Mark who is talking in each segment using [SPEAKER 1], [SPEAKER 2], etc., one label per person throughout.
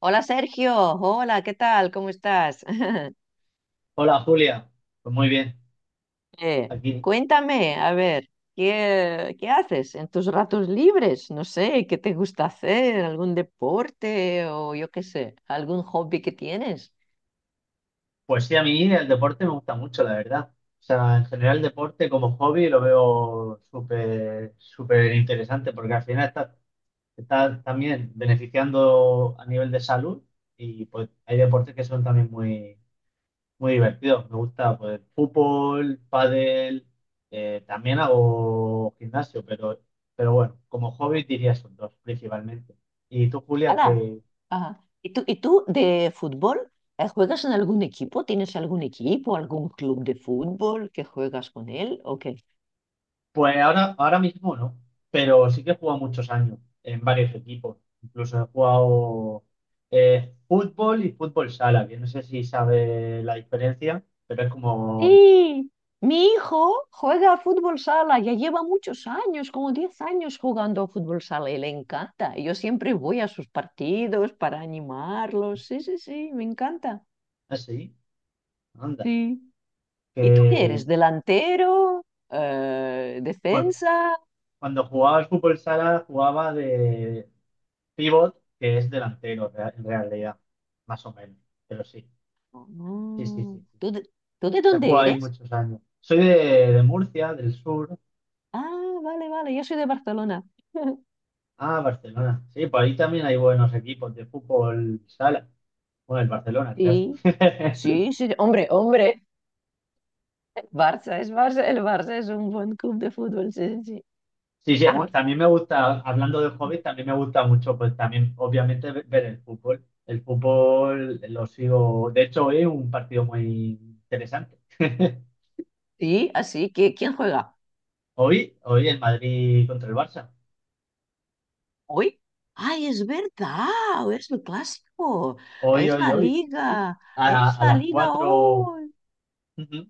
[SPEAKER 1] Hola Sergio, hola, ¿qué tal? ¿Cómo estás?
[SPEAKER 2] Hola Julia, pues muy bien, aquí.
[SPEAKER 1] Cuéntame, a ver, ¿qué haces en tus ratos libres? No sé, ¿qué te gusta hacer? ¿Algún deporte o yo qué sé, algún hobby que tienes?
[SPEAKER 2] Pues sí, a mí el deporte me gusta mucho, la verdad. O sea, en general el deporte como hobby lo veo súper, súper interesante porque al final está también beneficiando a nivel de salud y pues hay deportes que son también muy, muy divertidos. Me gusta pues fútbol, pádel, también hago gimnasio, pero bueno, como hobby diría esos dos principalmente. ¿Y tú, Julia,
[SPEAKER 1] ¡Hala!
[SPEAKER 2] qué?
[SPEAKER 1] Ajá. ¿Y tú de fútbol? ¿Juegas en algún equipo? ¿Tienes algún equipo, algún club de fútbol que juegas con él? O
[SPEAKER 2] Pues ahora, ahora mismo no, pero sí que he jugado muchos años en varios equipos. Incluso he jugado fútbol y fútbol sala, que no sé si sabe la diferencia, pero es como
[SPEAKER 1] sí, mi hijo juega a fútbol sala, ya lleva muchos años, como 10 años jugando a fútbol sala y le encanta. Y yo siempre voy a sus partidos para animarlos. Sí, sí, sí, me encanta.
[SPEAKER 2] así, anda.
[SPEAKER 1] Sí. ¿Y tú qué
[SPEAKER 2] Que,
[SPEAKER 1] eres? ¿Delantero?
[SPEAKER 2] pues,
[SPEAKER 1] ¿Defensa?
[SPEAKER 2] cuando jugaba al fútbol sala jugaba de pivot, que es en realidad, más o menos, pero sí, sí, sí,
[SPEAKER 1] Mm,
[SPEAKER 2] sí, sí.
[SPEAKER 1] ¿Tú de, tú de
[SPEAKER 2] He
[SPEAKER 1] dónde
[SPEAKER 2] jugado ahí
[SPEAKER 1] eres?
[SPEAKER 2] muchos años. Soy de Murcia, del sur.
[SPEAKER 1] Ah, vale, vale, yo soy de Barcelona.
[SPEAKER 2] Ah, Barcelona. Sí, por ahí también hay buenos equipos de fútbol sala. Bueno, el Barcelona,
[SPEAKER 1] Sí,
[SPEAKER 2] claro.
[SPEAKER 1] sí, sí, hombre, hombre, Barça es Barça, el Barça es un buen club de fútbol, sí, sí. Sí.
[SPEAKER 2] Sí, sí,
[SPEAKER 1] A
[SPEAKER 2] bueno,
[SPEAKER 1] mí-
[SPEAKER 2] también me gusta, hablando de hobbies, también me gusta mucho, pues también, obviamente, ver el fútbol. El fútbol lo sigo. De hecho, hoy un partido muy interesante.
[SPEAKER 1] Sí, así que ¿quién juega?
[SPEAKER 2] Hoy, hoy el Madrid contra el Barça.
[SPEAKER 1] ¿Hoy? Ay, es verdad, es el clásico,
[SPEAKER 2] Hoy,
[SPEAKER 1] es
[SPEAKER 2] hoy,
[SPEAKER 1] la
[SPEAKER 2] hoy, sí, sí.
[SPEAKER 1] liga, es
[SPEAKER 2] A
[SPEAKER 1] la
[SPEAKER 2] las
[SPEAKER 1] liga
[SPEAKER 2] cuatro.
[SPEAKER 1] hoy.
[SPEAKER 2] Ujú.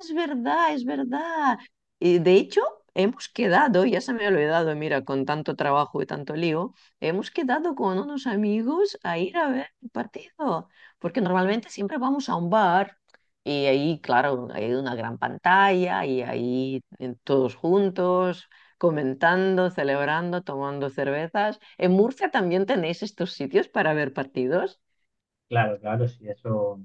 [SPEAKER 1] Es verdad, es verdad. Y de hecho, hemos quedado, ya se me ha olvidado, mira, con tanto trabajo y tanto lío, hemos quedado con unos amigos a ir a ver el partido, porque normalmente siempre vamos a un bar y ahí, claro, hay una gran pantalla y ahí todos juntos, comentando, celebrando, tomando cervezas. ¿En Murcia también tenéis estos sitios para ver partidos?
[SPEAKER 2] Claro, claro, sí, eso.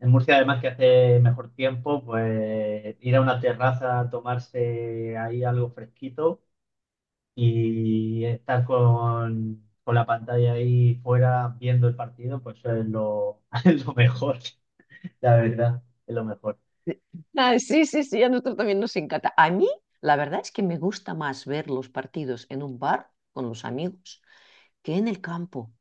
[SPEAKER 2] En Murcia, además que hace mejor tiempo, pues ir a una terraza, a tomarse ahí algo fresquito y estar con la pantalla ahí fuera viendo el partido, pues eso es lo, es lo mejor, la verdad, es lo mejor.
[SPEAKER 1] Ah, sí, sí, sí, a nosotros también nos encanta. A mí, la verdad es que me gusta más ver los partidos en un bar con los amigos que en el campo,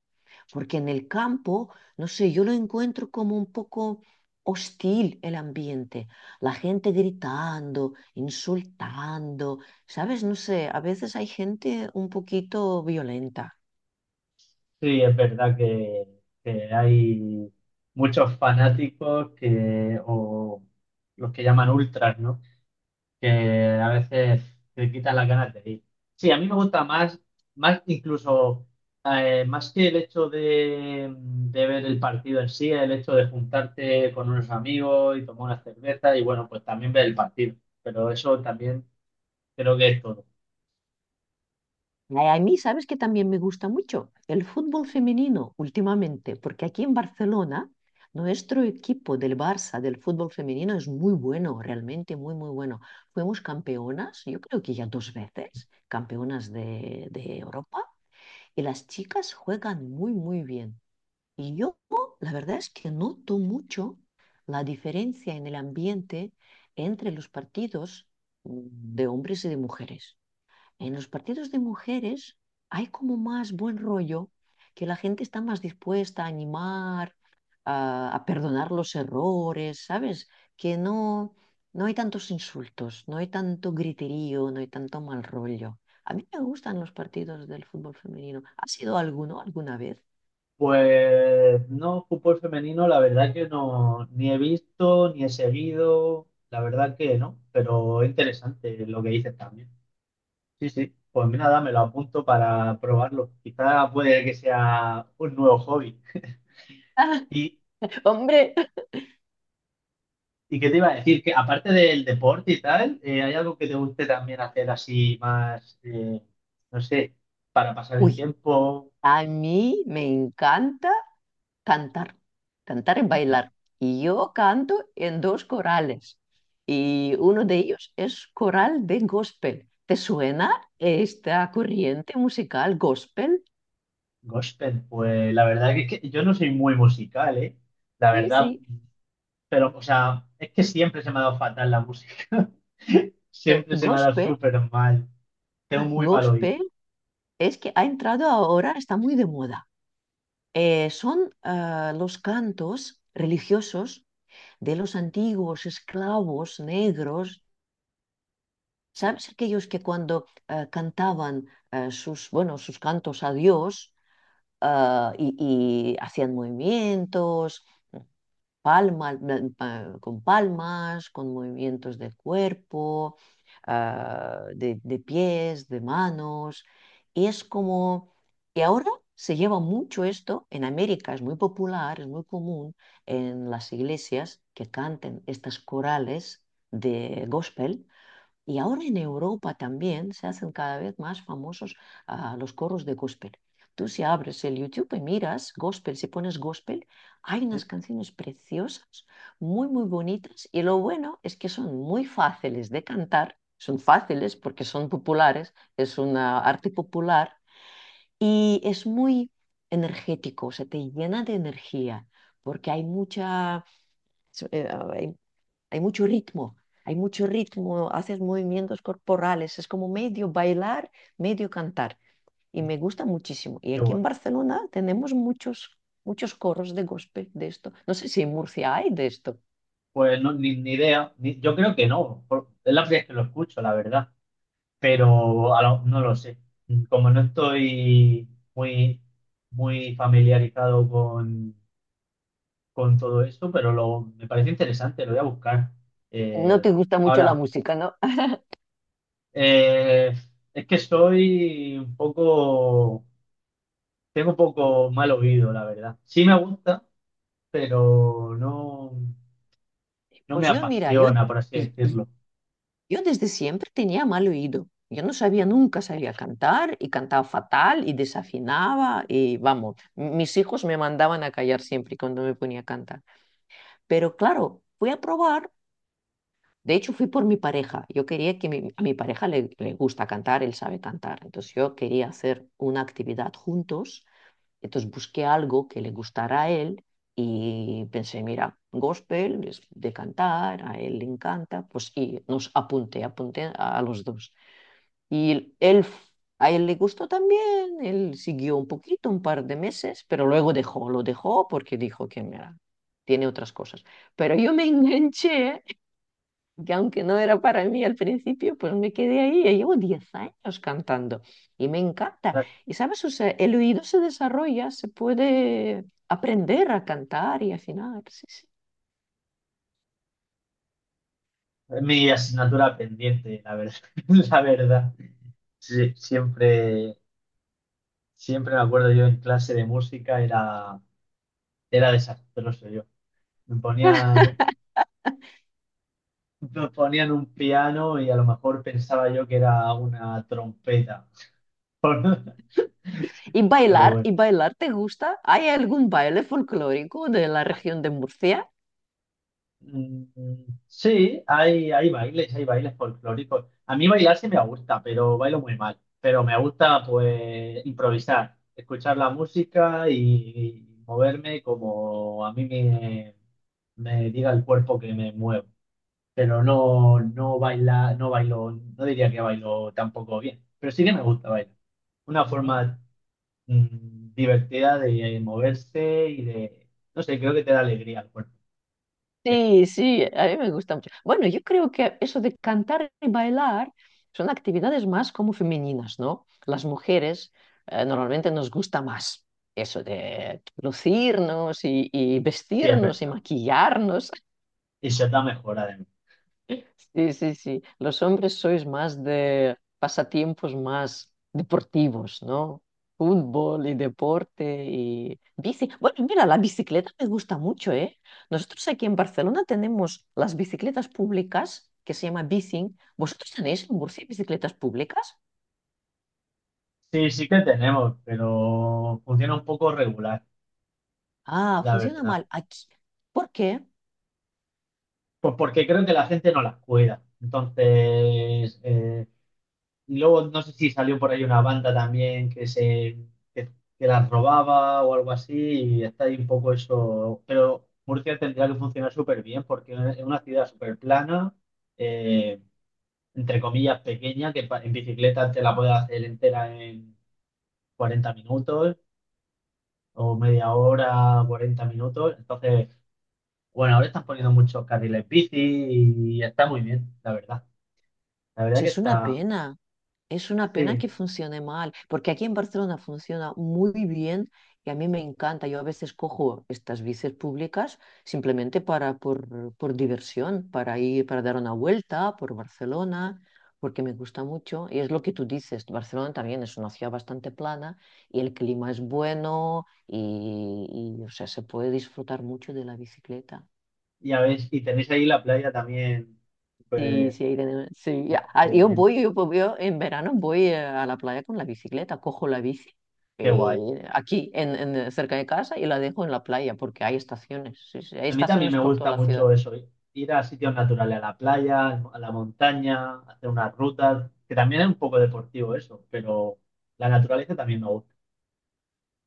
[SPEAKER 1] porque en el campo, no sé, yo lo encuentro como un poco hostil el ambiente, la gente gritando, insultando, ¿sabes? No sé, a veces hay gente un poquito violenta.
[SPEAKER 2] Sí, es verdad que hay muchos fanáticos que, o los que llaman ultras, ¿no? Que a veces te quitan las ganas de ir. Sí, a mí me gusta más, más incluso, más que el hecho de ver el partido en sí, el hecho de juntarte con unos amigos y tomar una cerveza y bueno, pues también ver el partido. Pero eso también creo que es todo.
[SPEAKER 1] Ay, a mí, ¿sabes que también me gusta mucho? El fútbol femenino últimamente, porque aquí en Barcelona nuestro equipo del Barça del fútbol femenino es muy bueno, realmente muy, muy bueno. Fuimos campeonas, yo creo que ya dos veces, campeonas de Europa, y las chicas juegan muy, muy bien. Y yo, la verdad es que noto mucho la diferencia en el ambiente entre los partidos mm, de hombres y de mujeres. En los partidos de mujeres hay como más buen rollo, que la gente está más dispuesta a animar, a perdonar los errores, ¿sabes? Que no, no hay tantos insultos, no hay tanto griterío, no hay tanto mal rollo. A mí me gustan los partidos del fútbol femenino. ¿Ha sido alguno alguna vez?
[SPEAKER 2] Pues no, fútbol femenino, la verdad que no, ni he visto, ni he seguido, la verdad que no, pero interesante lo que dices también. Sí, sí. Pues nada, me lo apunto para probarlo. Quizá puede que sea un nuevo hobby. ¿Y,
[SPEAKER 1] Hombre,
[SPEAKER 2] y qué te iba a decir? Que aparte del deporte y tal, ¿hay algo que te guste también hacer así más, no sé, para pasar el
[SPEAKER 1] uy,
[SPEAKER 2] tiempo?
[SPEAKER 1] a mí me encanta cantar. Cantar y
[SPEAKER 2] Anda.
[SPEAKER 1] bailar. Y yo canto en dos corales. Y uno de ellos es coral de gospel. ¿Te suena esta corriente musical gospel?
[SPEAKER 2] Gospel, pues la verdad que, es que yo no soy muy musical, ¿eh? La
[SPEAKER 1] Sí,
[SPEAKER 2] verdad,
[SPEAKER 1] sí.
[SPEAKER 2] pero, o sea, es que siempre se me ha dado fatal la música.
[SPEAKER 1] Eh,
[SPEAKER 2] Siempre se me ha dado
[SPEAKER 1] Gospel,
[SPEAKER 2] súper mal. Tengo muy mal oído.
[SPEAKER 1] gospel es que ha entrado ahora, está muy de moda. Son los cantos religiosos de los antiguos esclavos negros. ¿Sabes aquellos que cuando cantaban bueno, sus cantos a Dios, y hacían movimientos, palma- con palmas, con movimientos del cuerpo, de pies, de manos. Y es como, y ahora se lleva mucho esto en América, es muy popular, es muy común en las iglesias que canten estas corales de gospel, y ahora en Europa también se hacen cada vez más famosos los coros de gospel. Tú si abres el YouTube y miras gospel, si pones gospel, hay
[SPEAKER 2] Sí,
[SPEAKER 1] unas canciones preciosas, muy, muy bonitas. Y lo bueno es que son muy fáciles de cantar, son fáciles porque son populares, es una arte popular y es muy energético, se te llena de energía porque hay mucha, so, ah, hay hay mucho ritmo, hay mucho ritmo, haces movimientos corporales, es como medio bailar, medio cantar. Y me gusta muchísimo. Y
[SPEAKER 2] qué
[SPEAKER 1] aquí en
[SPEAKER 2] bueno.
[SPEAKER 1] Barcelona tenemos muchos, muchos coros de gospel de esto. No sé si en Murcia hay de esto.
[SPEAKER 2] Pues no, ni, ni idea. Yo creo que no. Es la primera vez que lo escucho, la verdad. Pero no lo sé. Como no estoy muy, muy familiarizado con todo esto, pero lo, me parece interesante, lo voy a buscar.
[SPEAKER 1] No
[SPEAKER 2] Eh,
[SPEAKER 1] te gusta mucho la
[SPEAKER 2] ahora,
[SPEAKER 1] música, ¿no?
[SPEAKER 2] eh, es que soy un poco, tengo un poco mal oído, la verdad. Sí me gusta, pero no, no me
[SPEAKER 1] Pues yo, mira, yo,
[SPEAKER 2] apasiona, por así
[SPEAKER 1] y, y-
[SPEAKER 2] decirlo.
[SPEAKER 1] yo desde siempre tenía mal oído. Yo no sabía, nunca sabía cantar y cantaba fatal y desafinaba y vamos, mis hijos me mandaban a callar siempre cuando me ponía a cantar. Pero claro, fui a probar. De hecho, fui por mi pareja. Yo quería que a mi pareja le gusta cantar, él sabe cantar. Entonces yo quería hacer una actividad juntos. Entonces busqué algo que le gustara a él y pensé, mira, gospel es de cantar, a él le encanta. Pues y apunté a los dos. Y él, a él le gustó también, él siguió un poquito, un par de meses, pero luego lo dejó porque dijo que mira, tiene otras cosas. Pero yo me enganché que aunque no era para mí al principio, pues me quedé ahí. Ya llevo 10 años cantando y me encanta. Y sabes, o sea, el oído se desarrolla, se puede aprender a cantar y afinar. Sí, sí.
[SPEAKER 2] Mi asignatura pendiente, la verdad. La verdad. Sí, siempre, siempre me acuerdo yo en clase de música era desastroso yo. Me ponían, me ponían un piano y a lo mejor pensaba yo que era una trompeta, pero bueno.
[SPEAKER 1] ¿Y bailar te gusta? ¿Hay algún baile folclórico de la región de Murcia?
[SPEAKER 2] Mm, sí, hay, hay bailes folclóricos. A mí bailar sí me gusta, pero bailo muy mal. Pero me gusta pues improvisar, escuchar la música y moverme como a mí me diga el cuerpo que me muevo. Pero no, no baila, no bailo, no diría que bailo tampoco bien. Pero sí que me gusta bailar. Una forma divertida de moverse y de, no sé, creo que te da alegría al cuerpo. Sí,
[SPEAKER 1] Sí, sí, a mí me gusta mucho. Bueno, yo creo que eso de cantar y bailar son actividades más como femeninas, ¿no? Las mujeres normalmente nos gusta más eso de lucirnos y,
[SPEAKER 2] sí, es
[SPEAKER 1] vestirnos y
[SPEAKER 2] verdad.
[SPEAKER 1] maquillarnos.
[SPEAKER 2] Y ser mejora de además.
[SPEAKER 1] Sí, sí, sí. Los hombres sois más de pasatiempos más deportivos, ¿no? Fútbol y deporte y bici. Bueno, mira, la bicicleta me gusta mucho, ¿eh? Nosotros aquí en Barcelona tenemos las bicicletas públicas que se llama bicing. ¿Vosotros tenéis en Murcia bicicletas públicas?
[SPEAKER 2] Sí, sí que tenemos, pero funciona un poco regular,
[SPEAKER 1] Ah,
[SPEAKER 2] la
[SPEAKER 1] funciona
[SPEAKER 2] verdad.
[SPEAKER 1] mal aquí. ¿Por qué?
[SPEAKER 2] Pues porque creo que la gente no las cuida. Entonces, y luego no sé si salió por ahí una banda también que, que las robaba o algo así, y está ahí un poco eso. Pero Murcia tendría que funcionar súper bien porque es una ciudad súper plana, eh, entre comillas pequeña, que en bicicleta te la puedes hacer entera en 40 minutos o media hora, 40 minutos. Entonces, bueno, ahora están poniendo muchos carriles bici y está muy bien, la verdad. La verdad que
[SPEAKER 1] Pues es una
[SPEAKER 2] está,
[SPEAKER 1] pena. Es una pena
[SPEAKER 2] sí.
[SPEAKER 1] que funcione mal, porque aquí en Barcelona funciona muy bien y a mí me encanta. Yo a veces cojo estas bicis públicas simplemente por diversión, para ir, para dar una vuelta por Barcelona, porque me gusta mucho. Y es lo que tú dices, Barcelona también es una ciudad bastante plana y el clima es bueno y, o sea, se puede disfrutar mucho de la bicicleta.
[SPEAKER 2] Y a ver, y tenéis ahí la playa también,
[SPEAKER 1] Sí,
[SPEAKER 2] pues,
[SPEAKER 1] sí, sí, ya. Ah,
[SPEAKER 2] qué
[SPEAKER 1] Yo
[SPEAKER 2] bien,
[SPEAKER 1] voy, yo, po- yo en verano voy a la playa con la bicicleta, cojo la bici
[SPEAKER 2] qué guay.
[SPEAKER 1] aquí, cerca de casa, y la dejo en la playa, porque hay estaciones, sí, sí, hay
[SPEAKER 2] A mí también
[SPEAKER 1] estaciones
[SPEAKER 2] me
[SPEAKER 1] por toda
[SPEAKER 2] gusta
[SPEAKER 1] la ciudad.
[SPEAKER 2] mucho eso, ir a sitios naturales, a la playa, a la montaña, hacer unas rutas, que también es un poco deportivo eso, pero la naturaleza también me gusta.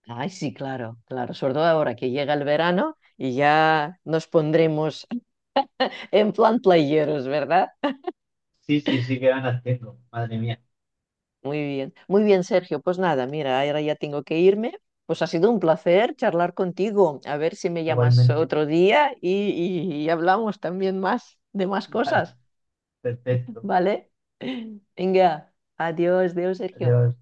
[SPEAKER 1] Ay, sí, claro, claro, sobre todo ahora que llega el verano y ya nos pondremos en plan playeros, ¿verdad?
[SPEAKER 2] Sí, sí, sí, qué ganas tengo, madre mía,
[SPEAKER 1] Muy bien, Sergio. Pues nada, mira, ahora ya tengo que irme. Pues ha sido un placer charlar contigo. A ver si me llamas
[SPEAKER 2] igualmente.
[SPEAKER 1] otro día y hablamos también más de más
[SPEAKER 2] Vale,
[SPEAKER 1] cosas,
[SPEAKER 2] perfecto.
[SPEAKER 1] ¿vale? Venga, adiós, adiós, Sergio.
[SPEAKER 2] Adiós.